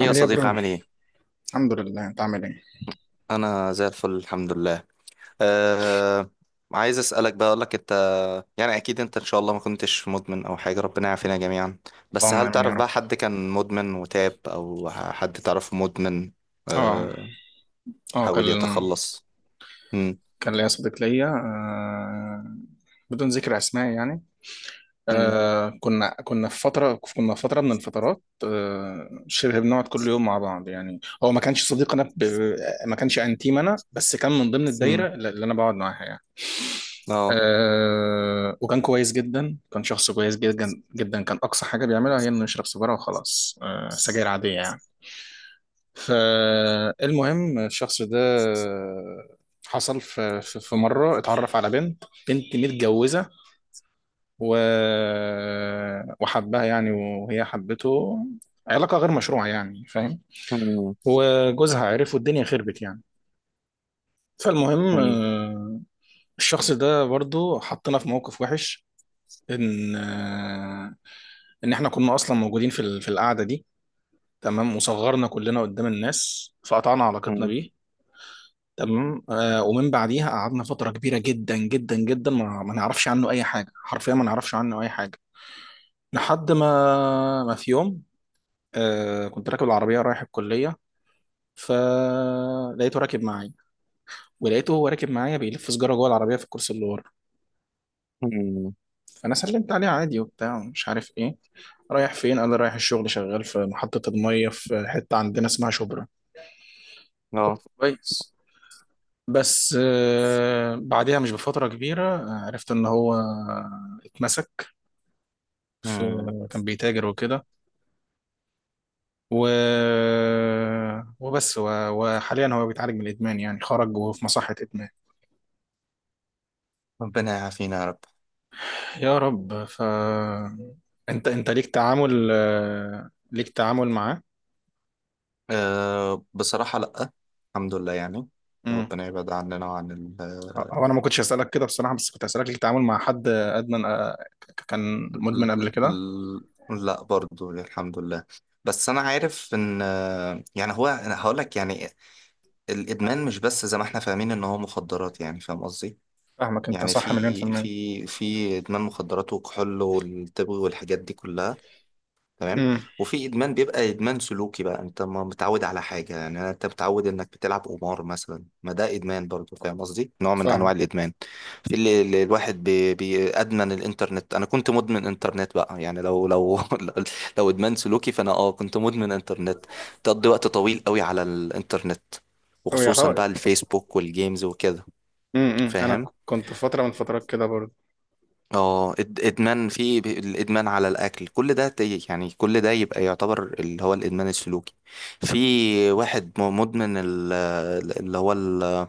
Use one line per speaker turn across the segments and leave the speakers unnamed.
يا
عامل ايه يا
صديقي
برو.
عامل ايه؟
الحمد لله، انت عامل ايه؟
انا زي الفل، الحمد لله. أه. عايز اسالك بقى، اقول لك انت، يعني اكيد انت ان شاء الله ما كنتش مدمن او حاجه، ربنا يعافينا جميعا. بس
اللهم
هل
امين يا
تعرف
رب.
بقى حد كان مدمن وتاب، او حد تعرفه مدمن؟
اه
أه.
اه كان
حاول يتخلص؟ مم.
كان ليا صديق ليا آه بدون ذكر اسماء يعني.
مم.
كنا في فتره من الفترات، شبه بنقعد كل يوم مع بعض. يعني هو ما كانش صديق، انا ب... ما كانش انتيم، انا بس كان من ضمن
مم.
الدايره اللي انا بقعد معاها يعني.
اه.
وكان كويس جدا، كان شخص كويس جدا جدا. كان اقصى حاجه بيعملها هي انه يشرب سيجاره وخلاص، سجاير عاديه يعني. فالمهم الشخص ده، حصل في مرة اتعرف على بنت، بنت متجوزة، و... وحبها يعني، وهي حبته. علاقة غير مشروعة يعني، فاهم.
مم.
وجوزها عرف والدنيا خربت يعني. فالمهم
مم.
الشخص ده برضو حطنا في موقف وحش، ان آه، ان احنا كنا اصلا موجودين في في القعدة دي، تمام، وصغرنا كلنا قدام الناس، فقطعنا علاقتنا
مم.
بيه. تمام. ومن بعديها قعدنا فترة كبيرة جدا جدا جدا ما نعرفش عنه أي حاجة، حرفيا ما نعرفش عنه أي حاجة. لحد ما في يوم، كنت راكب العربية رايح الكلية، فلقيته راكب معايا، ولقيته هو راكب معايا بيلف سجارة جوه العربية في الكرسي اللي ورا.
مم.
فأنا سلمت عليه عادي وبتاع ومش عارف إيه. رايح فين؟ قال لي رايح الشغل، شغال في محطة المية في حتة عندنا اسمها شبرا.
اه.
أوه، كويس. بس بعدها مش بفترة كبيرة، عرفت إن هو اتمسك في،
مم.
كان بيتاجر وكده، و... وبس، و... وحاليا هو بيتعالج من الادمان يعني، خرج وهو في مصحة ادمان.
ربنا يعافينا يا رب.
يا رب. ف انت ليك تعامل، ليك تعامل معاه؟
أه، بصراحه لا. الحمد لله يعني.
امم
ربنا يبعد عننا وعن
هو انا ما كنتش اسالك كده بصراحة، بس كنت اسالك ليك تعامل مع حد ادمن، كان مدمن
ل-
قبل كده.
ل- لا برضو، الحمد لله. بس انا عارف ان يعني هو، انا هقول لك يعني، الادمان مش بس زي ما احنا فاهمين ان هو مخدرات، يعني فاهم قصدي؟
فاهمك، انت
يعني
صح مليون في
في
المية.
في في ادمان مخدرات والكحول والتبغ والحاجات دي كلها. تمام.
امم.
وفي ادمان بيبقى ادمان سلوكي بقى، انت ما متعود على حاجه، يعني انت متعود انك بتلعب قمار مثلا، ما ده ادمان برضو، فاهم قصدي؟ نوع من انواع
فاهم.
الادمان. في اللي الواحد بي بي ادمن الانترنت، انا كنت مدمن انترنت بقى، يعني لو لو لو ادمان سلوكي فانا كنت مدمن انترنت. تقضي وقت طويل قوي على الانترنت، وخصوصا
ويعتبر،
بقى الفيسبوك والجيمز وكده.
امم، انا
فاهم.
كنت في فترة من فترات كده برضه.
ادمان في الادمان على الاكل كل ده، يعني كل ده يبقى يعتبر اللي هو الادمان السلوكي. في واحد مدمن اللي هو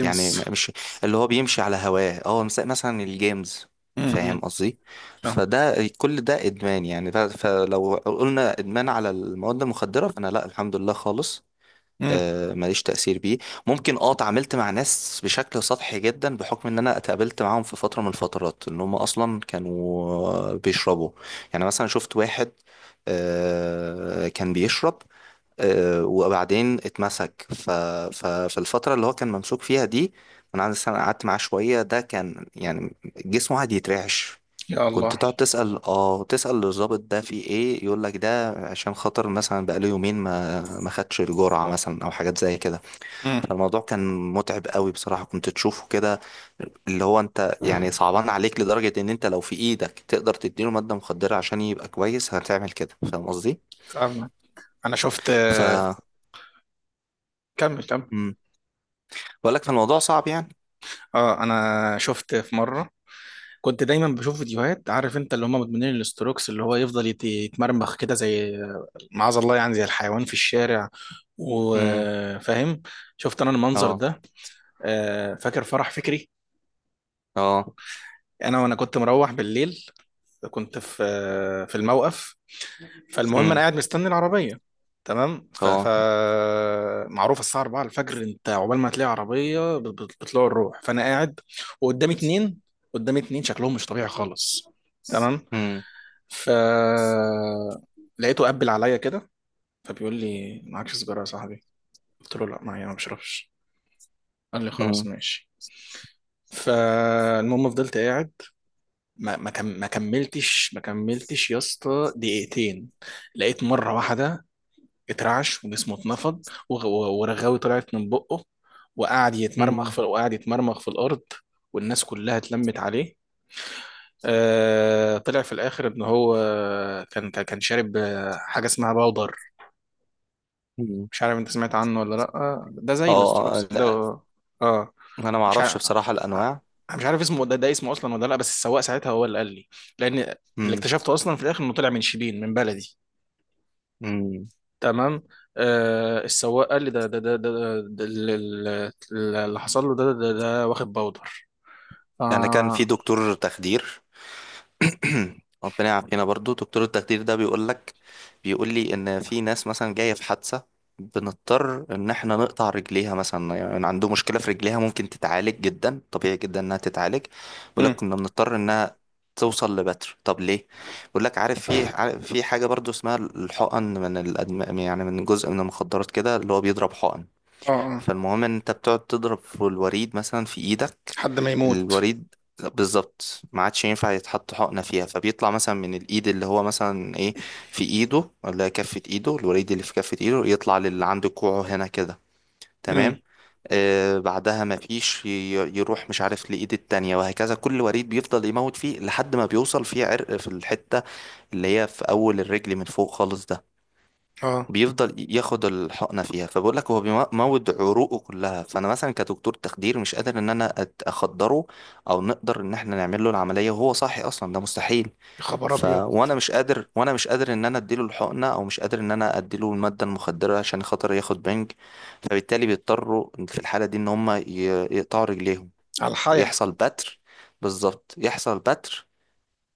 يعني مش اللي هو بيمشي على هواه، مثلا الجيمز. فاهم
امم.
قصدي؟
فاهم.
فده كل ده ادمان، يعني فلو قلنا ادمان على المواد المخدرة، فانا لا، الحمد لله خالص.
امم.
ماليش تأثير بيه. ممكن اتعاملت مع ناس بشكل سطحي جدا، بحكم ان انا اتقابلت معاهم في فترة من الفترات ان هم اصلا كانوا بيشربوا. يعني مثلا شفت واحد، كان بيشرب، وبعدين اتمسك. ففي الفترة اللي هو كان ممسوك فيها دي، انا قعدت معاه شوية، ده كان يعني جسمه قاعد يترعش.
يا
كنت
الله.
تقعد تسأل، تسأل الضابط ده في ايه، يقول لك ده عشان خاطر مثلا بقاله يومين ما خدش الجرعة مثلا، او حاجات زي كده. فالموضوع كان متعب قوي بصراحة، كنت تشوفه كده اللي هو، انت يعني
امم.
صعبان عليك لدرجة ان انت لو في ايدك تقدر تديله مادة مخدرة عشان يبقى كويس هتعمل كده، فاهم قصدي؟
فاهمك. انا شفت.
ف
كمل كمل.
امم بقول لك، فالموضوع صعب يعني.
اه انا شفت في مره، كنت دايما بشوف فيديوهات، عارف انت اللي هم مدمنين الاستروكس، اللي هو يفضل يتمرمخ كده زي، معاذ الله يعني، زي الحيوان في الشارع،
امم.
وفاهم. شفت انا المنظر
اه.
ده. فاكر فرح فكري،
اه.
انا وانا كنت مروح بالليل، كنت في، في الموقف. فالمهم انا
امم.
قاعد مستني العربيه. تمام. ف... ف
اه.
معروف الساعه 4 الفجر انت عقبال ما تلاقي عربيه بتطلع الروح. فانا قاعد وقدامي اتنين، قدامي اتنين شكلهم مش طبيعي خالص. تمام.
امم.
ف لقيته قبل عليا كده، فبيقول لي معكش سيجاره يا صاحبي؟ قلت له لا معايا، ما بشربش. قال لي خلاص
امم.
ماشي. فالمهم فضلت قاعد، ما كملتش يا اسطى دقيقتين، لقيت مره واحده اترعش وجسمه اتنفض، ورغاوي طلعت من بقه،
امم.
وقعد يتمرمخ في الارض، والناس كلها اتلمت عليه. آه طلع في الاخر ان هو كان شارب، حاجه اسمها باودر، مش عارف انت سمعت عنه ولا لا، ده زي
اه. آه،
الاستروكس كده.
لا.
اه.
انا ما
مش
اعرفش
عارف،
بصراحة الانواع.
مش عارف اسمه ده، ده اسمه اصلا ولا لا، بس السواق ساعتها هو اللي قال لي، لان اللي اكتشفته اصلا في الاخر انه طلع من شبين من بلدي.
امم.
تمام. السواق قال لي ده اللي حصل له، ده واخد باودر.
يعني كان في
آه.
دكتور تخدير. ربنا يعافينا، برضو دكتور التخدير ده بيقول لك، بيقول لي ان في ناس مثلا جايه في حادثه، بنضطر ان احنا نقطع رجليها مثلا، يعني عنده مشكله في رجليها ممكن تتعالج جدا طبيعي، جدا انها تتعالج، بيقول لك
امم.
كنا بنضطر انها توصل لبتر، طب ليه؟ بيقول لك عارف في حاجه برضو اسمها الحقن من يعني من جزء من المخدرات كده، اللي هو بيضرب حقن.
اه اه.
فالمهم ان انت بتقعد تضرب في الوريد مثلا في ايدك،
حد ما يموت.
الوريد بالظبط ما عادش ينفع يتحط حقنة فيها، فبيطلع مثلا من الايد اللي هو مثلا ايه، في ايده ولا كفة ايده، الوريد اللي في كفة ايده يطلع للي عند كوعه هنا كده.
امم.
تمام. آه بعدها ما فيش يروح مش عارف لإيد التانية، وهكذا كل وريد بيفضل يموت فيه لحد ما بيوصل فيه عرق في الحتة اللي هي في أول الرجل من فوق خالص، ده
اه.
بيفضل ياخد الحقنه فيها. فبقول لك هو بيموت عروقه كلها، فانا مثلا كدكتور تخدير مش قادر ان انا اخدره، او نقدر ان احنا نعمل له العمليه وهو صاحي، اصلا ده مستحيل.
يا خبر
ف
ابيض.
وانا مش قادر وانا مش قادر ان انا اديله الحقنه، او مش قادر ان انا اديله الماده المخدره عشان خاطر ياخد بنج، فبالتالي بيضطروا في الحاله دي ان هم يقطعوا رجليهم،
على الحياة.
يحصل بتر، بالظبط يحصل بتر،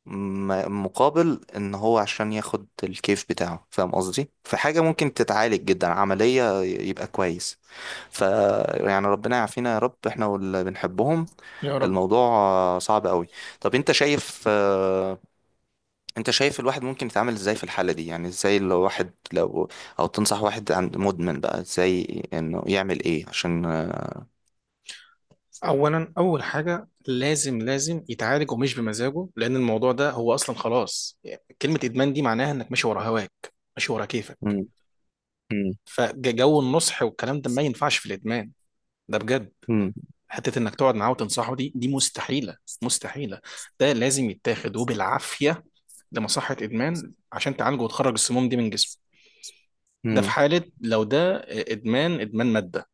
مقابل ان هو عشان ياخد الكيف بتاعه، فاهم قصدي، في حاجة ممكن تتعالج جدا عملية يبقى كويس. ف يعني ربنا يعافينا يا رب، احنا واللي بنحبهم.
يا رب.
الموضوع صعب قوي. طب انت شايف الواحد ممكن يتعامل ازاي في الحالة دي؟ يعني ازاي، لو واحد، او تنصح واحد عند مدمن بقى ازاي انه يعمل ايه عشان.
اولا، اول حاجه لازم يتعالج، ومش بمزاجه، لان الموضوع ده هو اصلا خلاص يعني، كلمه ادمان دي معناها انك ماشي ورا هواك، ماشي ورا
مم.
كيفك.
مم.
فجو النصح والكلام ده ما ينفعش في الادمان، ده بجد.
مم.
حته انك تقعد معاه وتنصحه، دي مستحيله، مستحيله. ده لازم يتاخد وبالعافيه لمصحه ادمان عشان تعالجه وتخرج السموم دي من جسمه. ده في
مم.
حاله لو ده ادمان، ادمان ماده.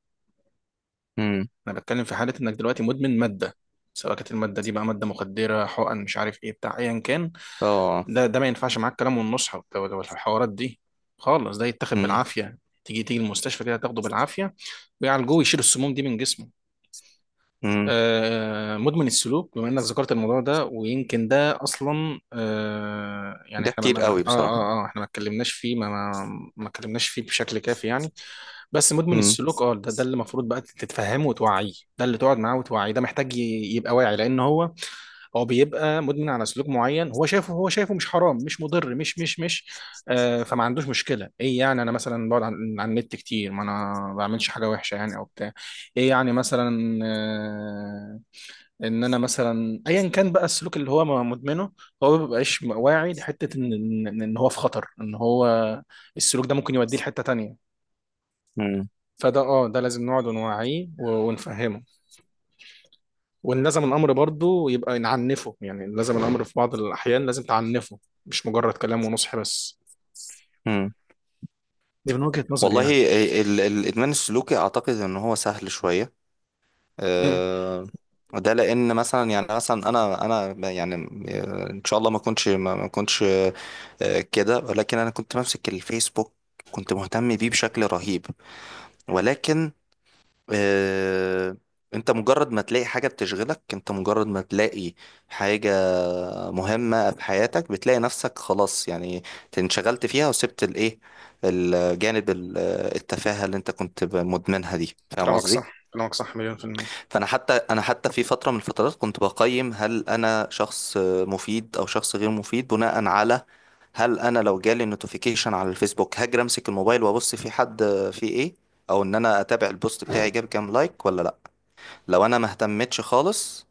مم.
انا بتكلم في حاله انك دلوقتي مدمن ماده، سواء كانت الماده دي بقى ماده مخدره، حقن، مش عارف ايه بتاع، ايا كان.
اه.
ده ما ينفعش معاك كلام والنصح والحوارات دي خالص، ده يتاخد
مم.
بالعافيه، تيجي تيجي المستشفى كده، تاخده بالعافيه ويعالجوه ويشيل السموم دي من جسمه.
مم.
مدمن السلوك، بما انك ذكرت الموضوع ده، ويمكن ده اصلا، يعني
ده
احنا
كتير قوي بصراحة.
احنا ما اتكلمناش فيه، ما اتكلمناش فيه بشكل كافي يعني. بس مدمن
مم.
السلوك اه ده اللي المفروض بقى تتفهمه وتوعيه، ده اللي تقعد معاه وتوعيه، ده محتاج يبقى واعي، لان هو بيبقى مدمن على سلوك معين، هو شايفه مش حرام، مش مضر، مش، فما عندوش مشكله. ايه يعني انا مثلا بقعد على النت كتير، ما انا ما بعملش حاجه وحشه يعني او بتاع. ايه يعني، مثلا ان انا مثلا ايا كان بقى السلوك اللي هو مدمنه، هو ما بيبقاش واعي لحته ان ان إن هو في خطر، ان هو السلوك ده ممكن يوديه لحته تانية.
مم.
فده اه ده لازم نقعد ونوعيه ونفهمه، وان لازم الامر برضه يبقى نعنفه، يعني لازم الامر في بعض الاحيان لازم تعنفه، مش مجرد كلام ونصح بس.
مم.
دي من وجهه نظري
والله،
يعني.
الادمان السلوكي اعتقد ان هو سهل شويه.
مم.
أه. ده لان مثلا يعني مثلا انا يعني ان شاء الله ما كنتش كده. ولكن انا كنت بمسك الفيسبوك، كنت مهتم بيه بشكل رهيب، ولكن آه، انت مجرد ما تلاقي حاجة بتشغلك، انت مجرد ما تلاقي حاجة مهمة في حياتك، بتلاقي نفسك خلاص، يعني انشغلت فيها وسبت الايه، الجانب، التفاهة اللي انت كنت مدمنها دي، فاهم قصدي؟
كلامك صح مليون في المية.
انا حتى، انا حتى في فتره من الفترات كنت بقيم هل انا شخص مفيد او شخص غير مفيد بناء على، هل انا لو جالي نوتيفيكيشن على الفيسبوك هاجر امسك الموبايل وابص في حد في ايه، او ان انا اتابع البوست بتاعي جاب كام لايك ولا لا. لو انا ما اهتمتش خالص،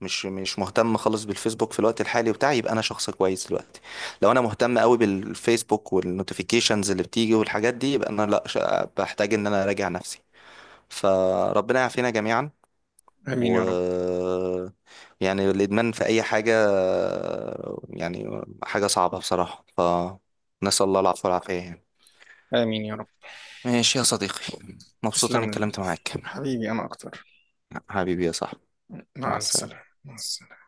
مش مهتم خالص بالفيسبوك في الوقت الحالي بتاعي، يبقى انا شخص كويس دلوقتي. لو انا مهتم قوي بالفيسبوك والنوتيفيكيشنز اللي بتيجي والحاجات دي، يبقى انا لا، بحتاج ان انا اراجع نفسي. فربنا يعافينا جميعا.
آمين يا رب.
و يعني الإدمان في أي حاجة، يعني حاجة صعبة بصراحة، فنسأل الله العفو والعافية يعني.
آمين يا رب.
ماشي يا صديقي، مبسوط إني
تسلم لي.
اتكلمت معاك.
حبيبي أنا أكتر.
حبيبي يا صاحبي، مع
مع ألف سلامة،
السلامة.
مع السلامة.